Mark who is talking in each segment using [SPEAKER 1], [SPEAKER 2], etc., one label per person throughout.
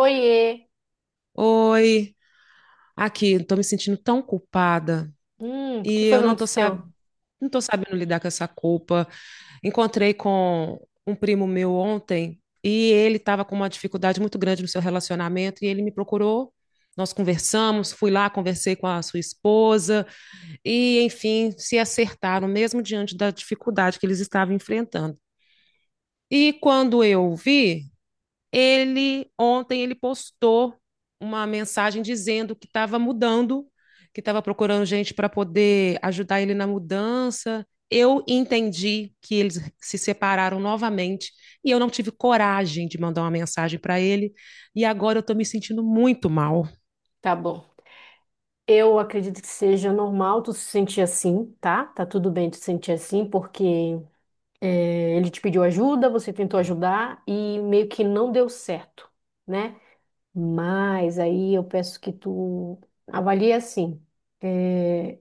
[SPEAKER 1] Oiê!
[SPEAKER 2] Oi, aqui, estou me sentindo tão culpada
[SPEAKER 1] O que
[SPEAKER 2] e
[SPEAKER 1] foi
[SPEAKER 2] eu
[SPEAKER 1] que aconteceu?
[SPEAKER 2] não tô sabendo lidar com essa culpa. Encontrei com um primo meu ontem e ele estava com uma dificuldade muito grande no seu relacionamento e ele me procurou. Nós conversamos, fui lá, conversei com a sua esposa e, enfim, se acertaram mesmo diante da dificuldade que eles estavam enfrentando. E quando eu vi, ele ontem ele postou uma mensagem dizendo que estava mudando, que estava procurando gente para poder ajudar ele na mudança. Eu entendi que eles se separaram novamente e eu não tive coragem de mandar uma mensagem para ele e agora eu estou me sentindo muito mal.
[SPEAKER 1] Tá bom. Eu acredito que seja normal tu se sentir assim, tá? Tá tudo bem tu se sentir assim, porque é, ele te pediu ajuda, você tentou ajudar e meio que não deu certo, né? Mas aí eu peço que tu avalie assim. É,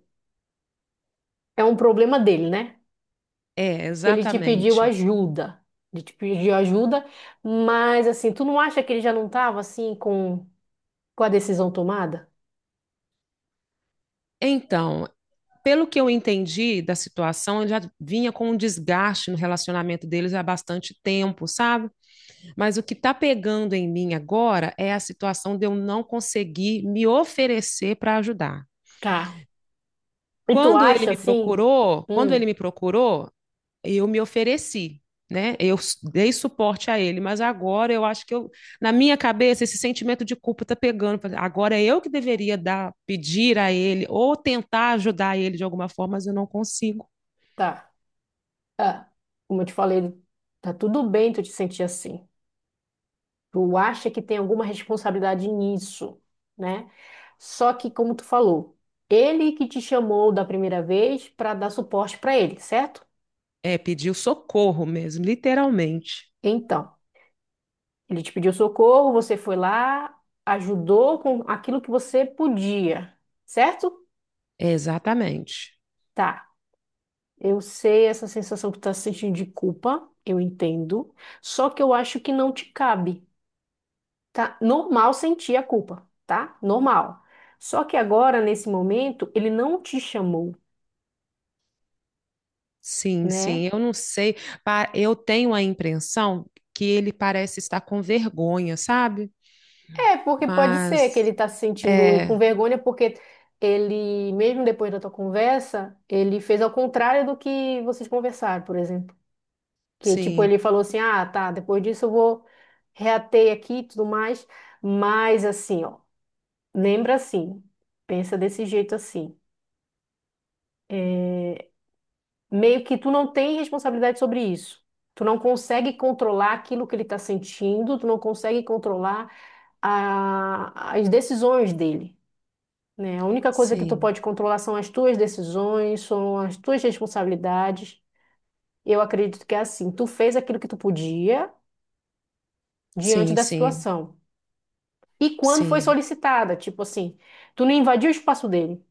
[SPEAKER 1] é um problema dele, né?
[SPEAKER 2] É,
[SPEAKER 1] Que ele te pediu
[SPEAKER 2] exatamente.
[SPEAKER 1] ajuda. Ele te pediu ajuda, mas assim, tu não acha que ele já não tava assim com a decisão tomada?
[SPEAKER 2] Então, pelo que eu entendi da situação, ele já vinha com um desgaste no relacionamento deles há bastante tempo, sabe? Mas o que está pegando em mim agora é a situação de eu não conseguir me oferecer para ajudar.
[SPEAKER 1] Tá. E tu
[SPEAKER 2] Quando ele
[SPEAKER 1] acha
[SPEAKER 2] me
[SPEAKER 1] assim?
[SPEAKER 2] procurou, quando ele
[SPEAKER 1] Hum,
[SPEAKER 2] me procurou, eu me ofereci, né? Dei suporte a ele, mas agora eu acho que eu, na minha cabeça, esse sentimento de culpa está pegando. Falei, agora é eu que deveria dar, pedir a ele ou tentar ajudar ele de alguma forma, mas eu não consigo.
[SPEAKER 1] tá. Ah, como eu te falei, tá tudo bem tu te sentir assim. Tu acha que tem alguma responsabilidade nisso, né? Só que, como tu falou, ele que te chamou da primeira vez para dar suporte para ele, certo?
[SPEAKER 2] É, pediu socorro mesmo, literalmente.
[SPEAKER 1] Então, ele te pediu socorro, você foi lá, ajudou com aquilo que você podia, certo?
[SPEAKER 2] Exatamente.
[SPEAKER 1] Tá. Eu sei essa sensação que tu tá sentindo de culpa, eu entendo. Só que eu acho que não te cabe. Tá? Normal sentir a culpa, tá? Normal. Só que agora, nesse momento, ele não te chamou,
[SPEAKER 2] Sim,
[SPEAKER 1] né?
[SPEAKER 2] sim, eu não sei. Eu tenho a impressão que ele parece estar com vergonha, sabe?
[SPEAKER 1] É, porque pode ser que ele
[SPEAKER 2] Mas
[SPEAKER 1] tá se sentindo com
[SPEAKER 2] é,
[SPEAKER 1] vergonha, porque ele, mesmo depois da tua conversa, ele fez ao contrário do que vocês conversaram, por exemplo. Que, tipo,
[SPEAKER 2] sim,
[SPEAKER 1] ele falou assim, ah, tá, depois disso eu vou reater aqui e tudo mais. Mas, assim, ó, lembra assim, pensa desse jeito assim. Meio que tu não tem responsabilidade sobre isso. Tu não consegue controlar aquilo que ele está sentindo, tu não consegue controlar as decisões dele, né? A única coisa que tu
[SPEAKER 2] sim,
[SPEAKER 1] pode controlar são as tuas decisões, são as tuas responsabilidades. Eu acredito que é assim. Tu fez aquilo que tu podia diante
[SPEAKER 2] sim,
[SPEAKER 1] da
[SPEAKER 2] sim,
[SPEAKER 1] situação. E quando foi
[SPEAKER 2] sim,
[SPEAKER 1] solicitada, tipo assim, tu não invadiu o espaço dele.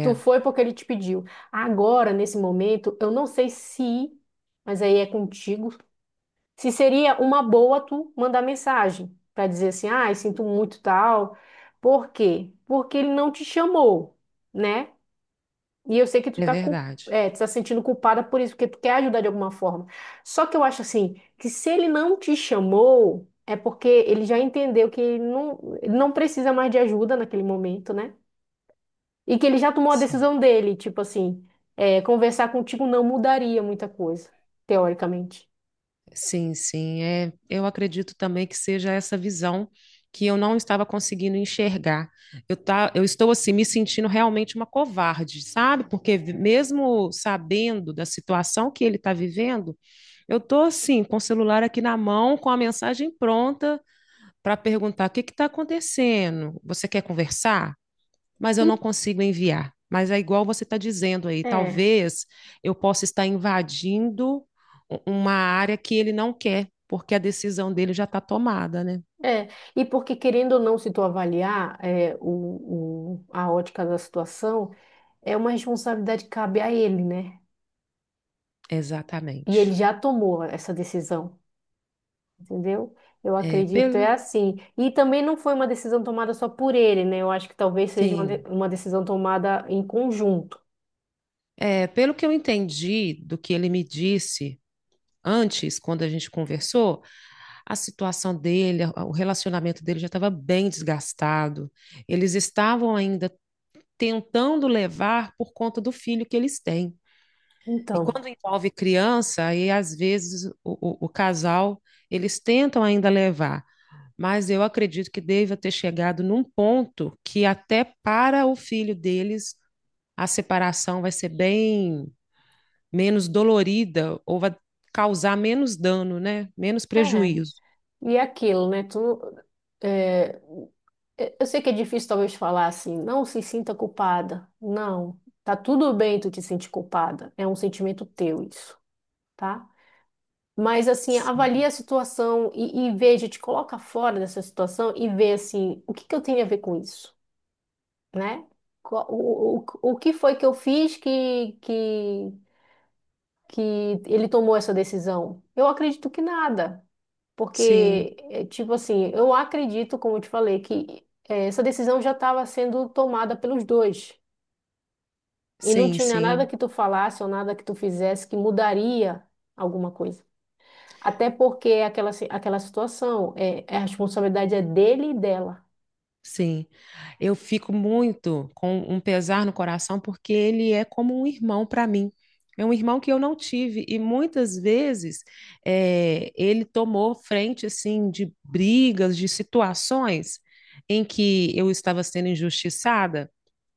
[SPEAKER 1] Tu foi porque ele te pediu. Agora, nesse momento, eu não sei se, mas aí é contigo se seria uma boa tu mandar mensagem para dizer assim, ai, sinto muito tal. Por quê? Porque ele não te chamou, né? E eu sei que tu
[SPEAKER 2] é
[SPEAKER 1] tá,
[SPEAKER 2] verdade.
[SPEAKER 1] é, tu tá sentindo culpada por isso, porque tu quer ajudar de alguma forma. Só que eu acho assim, que se ele não te chamou, é porque ele já entendeu que ele não precisa mais de ajuda naquele momento, né? E que ele já tomou a
[SPEAKER 2] Sim.
[SPEAKER 1] decisão dele, tipo assim, é, conversar contigo não mudaria muita coisa, teoricamente.
[SPEAKER 2] Sim, sim, é, eu acredito também que seja essa visão que eu não estava conseguindo enxergar. Eu, tá, eu estou assim me sentindo realmente uma covarde, sabe? Mesmo sabendo da situação que ele está vivendo, eu estou assim com o celular aqui na mão, com a mensagem pronta para perguntar o que que está acontecendo. Você quer conversar? Mas eu não
[SPEAKER 1] Hum,
[SPEAKER 2] consigo enviar. Mas é igual você está dizendo aí,
[SPEAKER 1] É.
[SPEAKER 2] talvez eu possa estar invadindo uma área que ele não quer, porque a decisão dele já está tomada, né?
[SPEAKER 1] É, e porque querendo ou não, se tu avaliar é, a ótica da situação, é uma responsabilidade que cabe a ele, né? E ele
[SPEAKER 2] Exatamente.
[SPEAKER 1] já tomou essa decisão, entendeu? Eu
[SPEAKER 2] É,
[SPEAKER 1] acredito, é
[SPEAKER 2] pelo,
[SPEAKER 1] assim. E também não foi uma decisão tomada só por ele, né? Eu acho que talvez seja uma,
[SPEAKER 2] sim.
[SPEAKER 1] uma decisão tomada em conjunto.
[SPEAKER 2] É, pelo que eu entendi do que ele me disse antes, quando a gente conversou, a situação dele, o relacionamento dele já estava bem desgastado. Eles estavam ainda tentando levar por conta do filho que eles têm. E
[SPEAKER 1] Então,
[SPEAKER 2] quando envolve criança, aí às vezes o casal, eles tentam ainda levar, mas eu acredito que deva ter chegado num ponto que até para o filho deles a separação vai ser bem menos dolorida ou vai causar menos dano, né? Menos
[SPEAKER 1] é.
[SPEAKER 2] prejuízo.
[SPEAKER 1] E é aquilo, né? Tu, é, eu sei que é difícil talvez falar assim, não se sinta culpada. Não, tá tudo bem tu te sentir culpada. É um sentimento teu isso, tá? Mas assim,
[SPEAKER 2] Sim,
[SPEAKER 1] avalia a situação e veja, te coloca fora dessa situação e vê assim, o que que eu tenho a ver com isso, né? Qual- O, o, o que foi que eu fiz que ele tomou essa decisão? Eu acredito que nada.
[SPEAKER 2] sim,
[SPEAKER 1] Porque, é, tipo assim, eu acredito, como eu te falei, que é, essa decisão já estava sendo tomada pelos dois. E não
[SPEAKER 2] sim.
[SPEAKER 1] tinha nada
[SPEAKER 2] Sim.
[SPEAKER 1] que tu falasse ou nada que tu fizesse que mudaria alguma coisa. Até porque é aquela, aquela situação, é, é a responsabilidade é dele e dela.
[SPEAKER 2] Sim, eu fico muito com um pesar no coração porque ele é como um irmão para mim. É um irmão que eu não tive e muitas vezes ele tomou frente assim de brigas, de situações em que eu estava sendo injustiçada.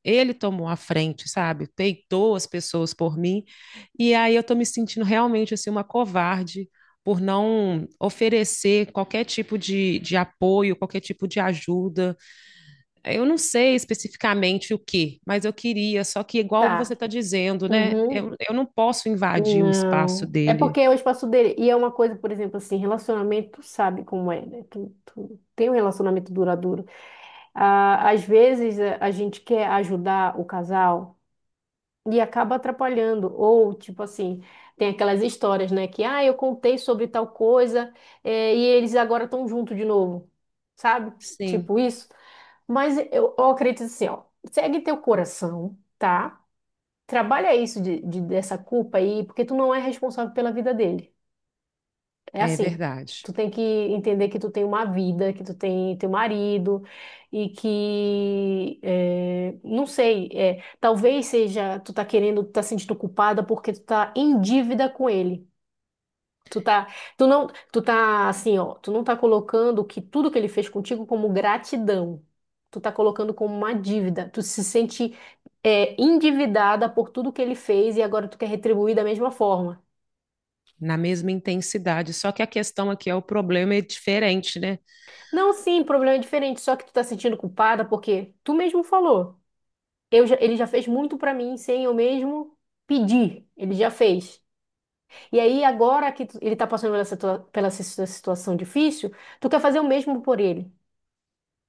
[SPEAKER 2] Ele tomou a frente, sabe? Peitou as pessoas por mim e aí eu estou me sentindo realmente assim uma covarde por não oferecer qualquer tipo de apoio, qualquer tipo de ajuda. Eu não sei especificamente o que, mas eu queria, só que igual você
[SPEAKER 1] Tá.
[SPEAKER 2] está dizendo, né?
[SPEAKER 1] Uhum.
[SPEAKER 2] Eu não posso invadir o espaço
[SPEAKER 1] Não. É
[SPEAKER 2] dele.
[SPEAKER 1] porque é o espaço dele. E é uma coisa, por exemplo, assim, relacionamento, tu sabe como é, né? Tu, tu tem um relacionamento duradouro. Ah, às vezes a gente quer ajudar o casal e acaba atrapalhando. Ou, tipo assim, tem aquelas histórias, né? Que, ah, eu contei sobre tal coisa, e eles agora estão juntos de novo. Sabe?
[SPEAKER 2] Sim,
[SPEAKER 1] Tipo isso. Mas eu acredito assim, ó. Segue teu coração, tá? Trabalha isso dessa culpa aí, porque tu não é responsável pela vida dele. É
[SPEAKER 2] é
[SPEAKER 1] assim,
[SPEAKER 2] verdade.
[SPEAKER 1] tu tem que entender que tu tem uma vida, que tu tem teu marido e que, não sei, talvez seja, tu tá querendo, tu tá sentindo culpada porque tu tá em dívida com ele. Tu tá, tu não, tu tá assim, ó, tu não tá colocando que tudo que ele fez contigo como gratidão. Tu tá colocando como uma dívida. Tu se sente, endividada por tudo que ele fez e agora tu quer retribuir da mesma forma.
[SPEAKER 2] Na mesma intensidade. Só que a questão aqui é o problema é diferente, né?
[SPEAKER 1] Não, sim, problema é diferente, só que tu tá se sentindo culpada porque tu mesmo falou. Ele já fez muito pra mim sem eu mesmo pedir. Ele já fez. E aí agora ele tá passando pela, pela situação difícil, tu quer fazer o mesmo por ele,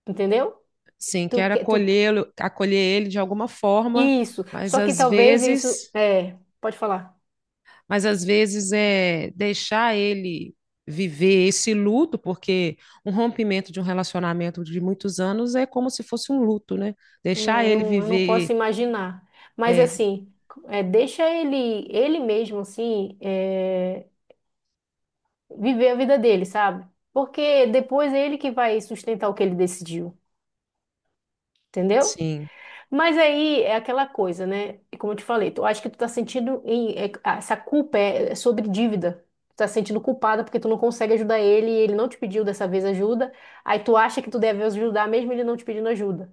[SPEAKER 1] entendeu?
[SPEAKER 2] Sim,
[SPEAKER 1] Tu
[SPEAKER 2] quero
[SPEAKER 1] quer, tu
[SPEAKER 2] acolhê-lo, acolher ele de alguma forma,
[SPEAKER 1] isso.
[SPEAKER 2] mas
[SPEAKER 1] Só que
[SPEAKER 2] às
[SPEAKER 1] talvez isso
[SPEAKER 2] vezes
[SPEAKER 1] é, pode falar.
[SPEAKER 2] mas às vezes é deixar ele viver esse luto, porque um rompimento de um relacionamento de muitos anos é como se fosse um luto, né?
[SPEAKER 1] Né,
[SPEAKER 2] Deixar ele
[SPEAKER 1] Eu não posso
[SPEAKER 2] viver,
[SPEAKER 1] imaginar. Mas
[SPEAKER 2] é,
[SPEAKER 1] assim, é, deixa ele mesmo assim, é, viver a vida dele, sabe? Porque depois é ele que vai sustentar o que ele decidiu, entendeu?
[SPEAKER 2] sim,
[SPEAKER 1] Mas aí é aquela coisa, né? E como eu te falei, tu acha que tu tá sentindo ah, essa culpa é sobre dívida. Tu tá sentindo culpada porque tu não consegue ajudar ele, e ele não te pediu dessa vez ajuda. Aí tu acha que tu deve ajudar mesmo ele não te pedindo ajuda.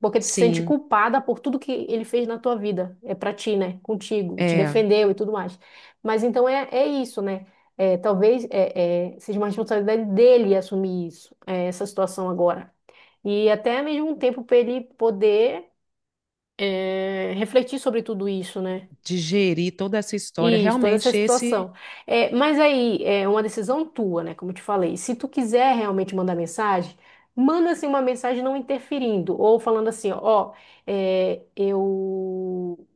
[SPEAKER 1] Porque tu se sente
[SPEAKER 2] sim,
[SPEAKER 1] culpada por tudo que ele fez na tua vida. É pra ti, né? Contigo, te
[SPEAKER 2] é,
[SPEAKER 1] defendeu e tudo mais. Mas então é, é isso, né? É, talvez é, é, seja uma responsabilidade dele assumir isso, é, essa situação agora. E até mesmo um tempo para ele poder é, refletir sobre tudo isso, né?
[SPEAKER 2] digerir toda essa história.
[SPEAKER 1] Isso, toda essa
[SPEAKER 2] Realmente esse,
[SPEAKER 1] situação. É, mas aí é uma decisão tua, né? Como eu te falei. Se tu quiser realmente mandar mensagem, manda assim uma mensagem não interferindo, ou falando assim, ó, é,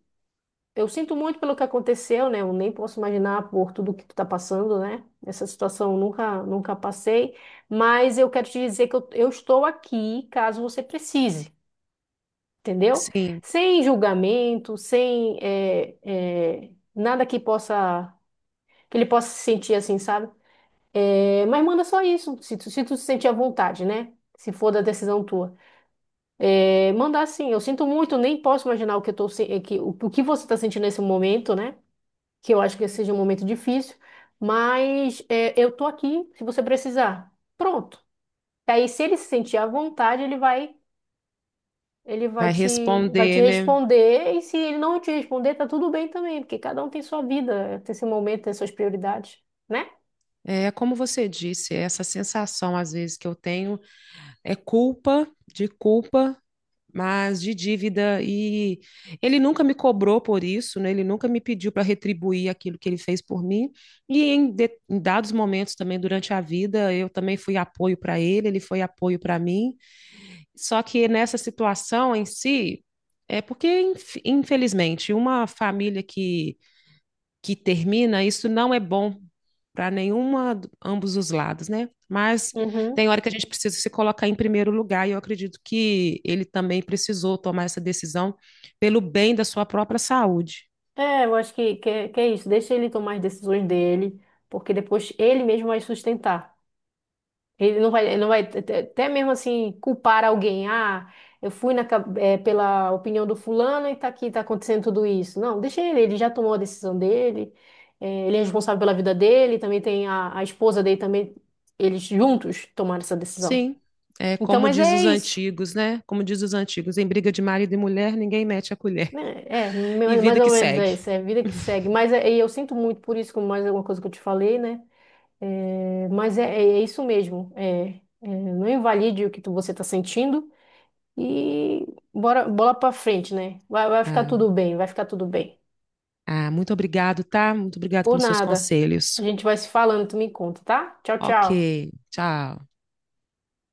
[SPEAKER 1] eu sinto muito pelo que aconteceu, né? Eu nem posso imaginar por tudo que tu tá passando, né? Essa situação eu nunca nunca passei, mas eu quero te dizer que eu estou aqui caso você precise, entendeu?
[SPEAKER 2] sim,
[SPEAKER 1] Sem julgamento, sem é, é, nada que possa que ele possa se sentir assim, sabe? É, mas manda só isso, se tu, se tu se sentir à vontade, né? Se for da decisão tua. É, manda assim, eu sinto muito, nem posso imaginar o que eu tô, o que você tá sentindo nesse momento, né? Que eu acho que seja um momento difícil, mas é, eu tô aqui se você precisar. Pronto. E aí, se ele se sentir à vontade, ele vai, ele vai
[SPEAKER 2] vai
[SPEAKER 1] te, vai te
[SPEAKER 2] responder, né?
[SPEAKER 1] responder, e se ele não te responder, tá tudo bem também, porque cada um tem sua vida, tem seu momento, tem suas prioridades, né?
[SPEAKER 2] É como você disse, essa sensação às vezes que eu tenho é culpa, de culpa, mas de dívida e ele nunca me cobrou por isso, né? Ele nunca me pediu para retribuir aquilo que ele fez por mim. E em, em dados momentos também durante a vida, eu também fui apoio para ele, ele foi apoio para mim. Só que nessa situação em si, é porque infelizmente uma família que termina, isso não é bom para nenhuma, ambos os lados, né? Mas
[SPEAKER 1] Uhum.
[SPEAKER 2] tem hora que a gente precisa se colocar em primeiro lugar, e eu acredito que ele também precisou tomar essa decisão pelo bem da sua própria saúde.
[SPEAKER 1] É, eu acho que é isso. Deixa ele tomar as decisões dele, porque depois ele mesmo vai sustentar. Ele não vai até mesmo assim culpar alguém. Ah, eu fui pela opinião do fulano e tá aqui, tá acontecendo tudo isso. Não, deixa ele, ele já tomou a decisão dele, ele é responsável pela vida dele, também tem a esposa dele também, eles juntos tomaram essa decisão.
[SPEAKER 2] Sim, é
[SPEAKER 1] Então,
[SPEAKER 2] como
[SPEAKER 1] mas
[SPEAKER 2] diz
[SPEAKER 1] é
[SPEAKER 2] os
[SPEAKER 1] isso.
[SPEAKER 2] antigos, né? Como diz os antigos, em briga de marido e mulher, ninguém mete a colher.
[SPEAKER 1] Né? É,
[SPEAKER 2] E
[SPEAKER 1] mais
[SPEAKER 2] vida que
[SPEAKER 1] ou menos é
[SPEAKER 2] segue.
[SPEAKER 1] isso, é a vida que segue. E eu sinto muito por isso, como mais alguma coisa que eu te falei, né? É, mas é, é isso mesmo. É, é, não invalide você está sentindo e bora, bola para frente, né? Vai, vai ficar
[SPEAKER 2] Ah,
[SPEAKER 1] tudo bem, vai ficar tudo bem.
[SPEAKER 2] ah, muito obrigado, tá? Muito obrigado
[SPEAKER 1] Por
[SPEAKER 2] pelos seus
[SPEAKER 1] nada. A
[SPEAKER 2] conselhos.
[SPEAKER 1] gente vai se falando, tu me conta, tá? Tchau,
[SPEAKER 2] Ok,
[SPEAKER 1] tchau.
[SPEAKER 2] tchau.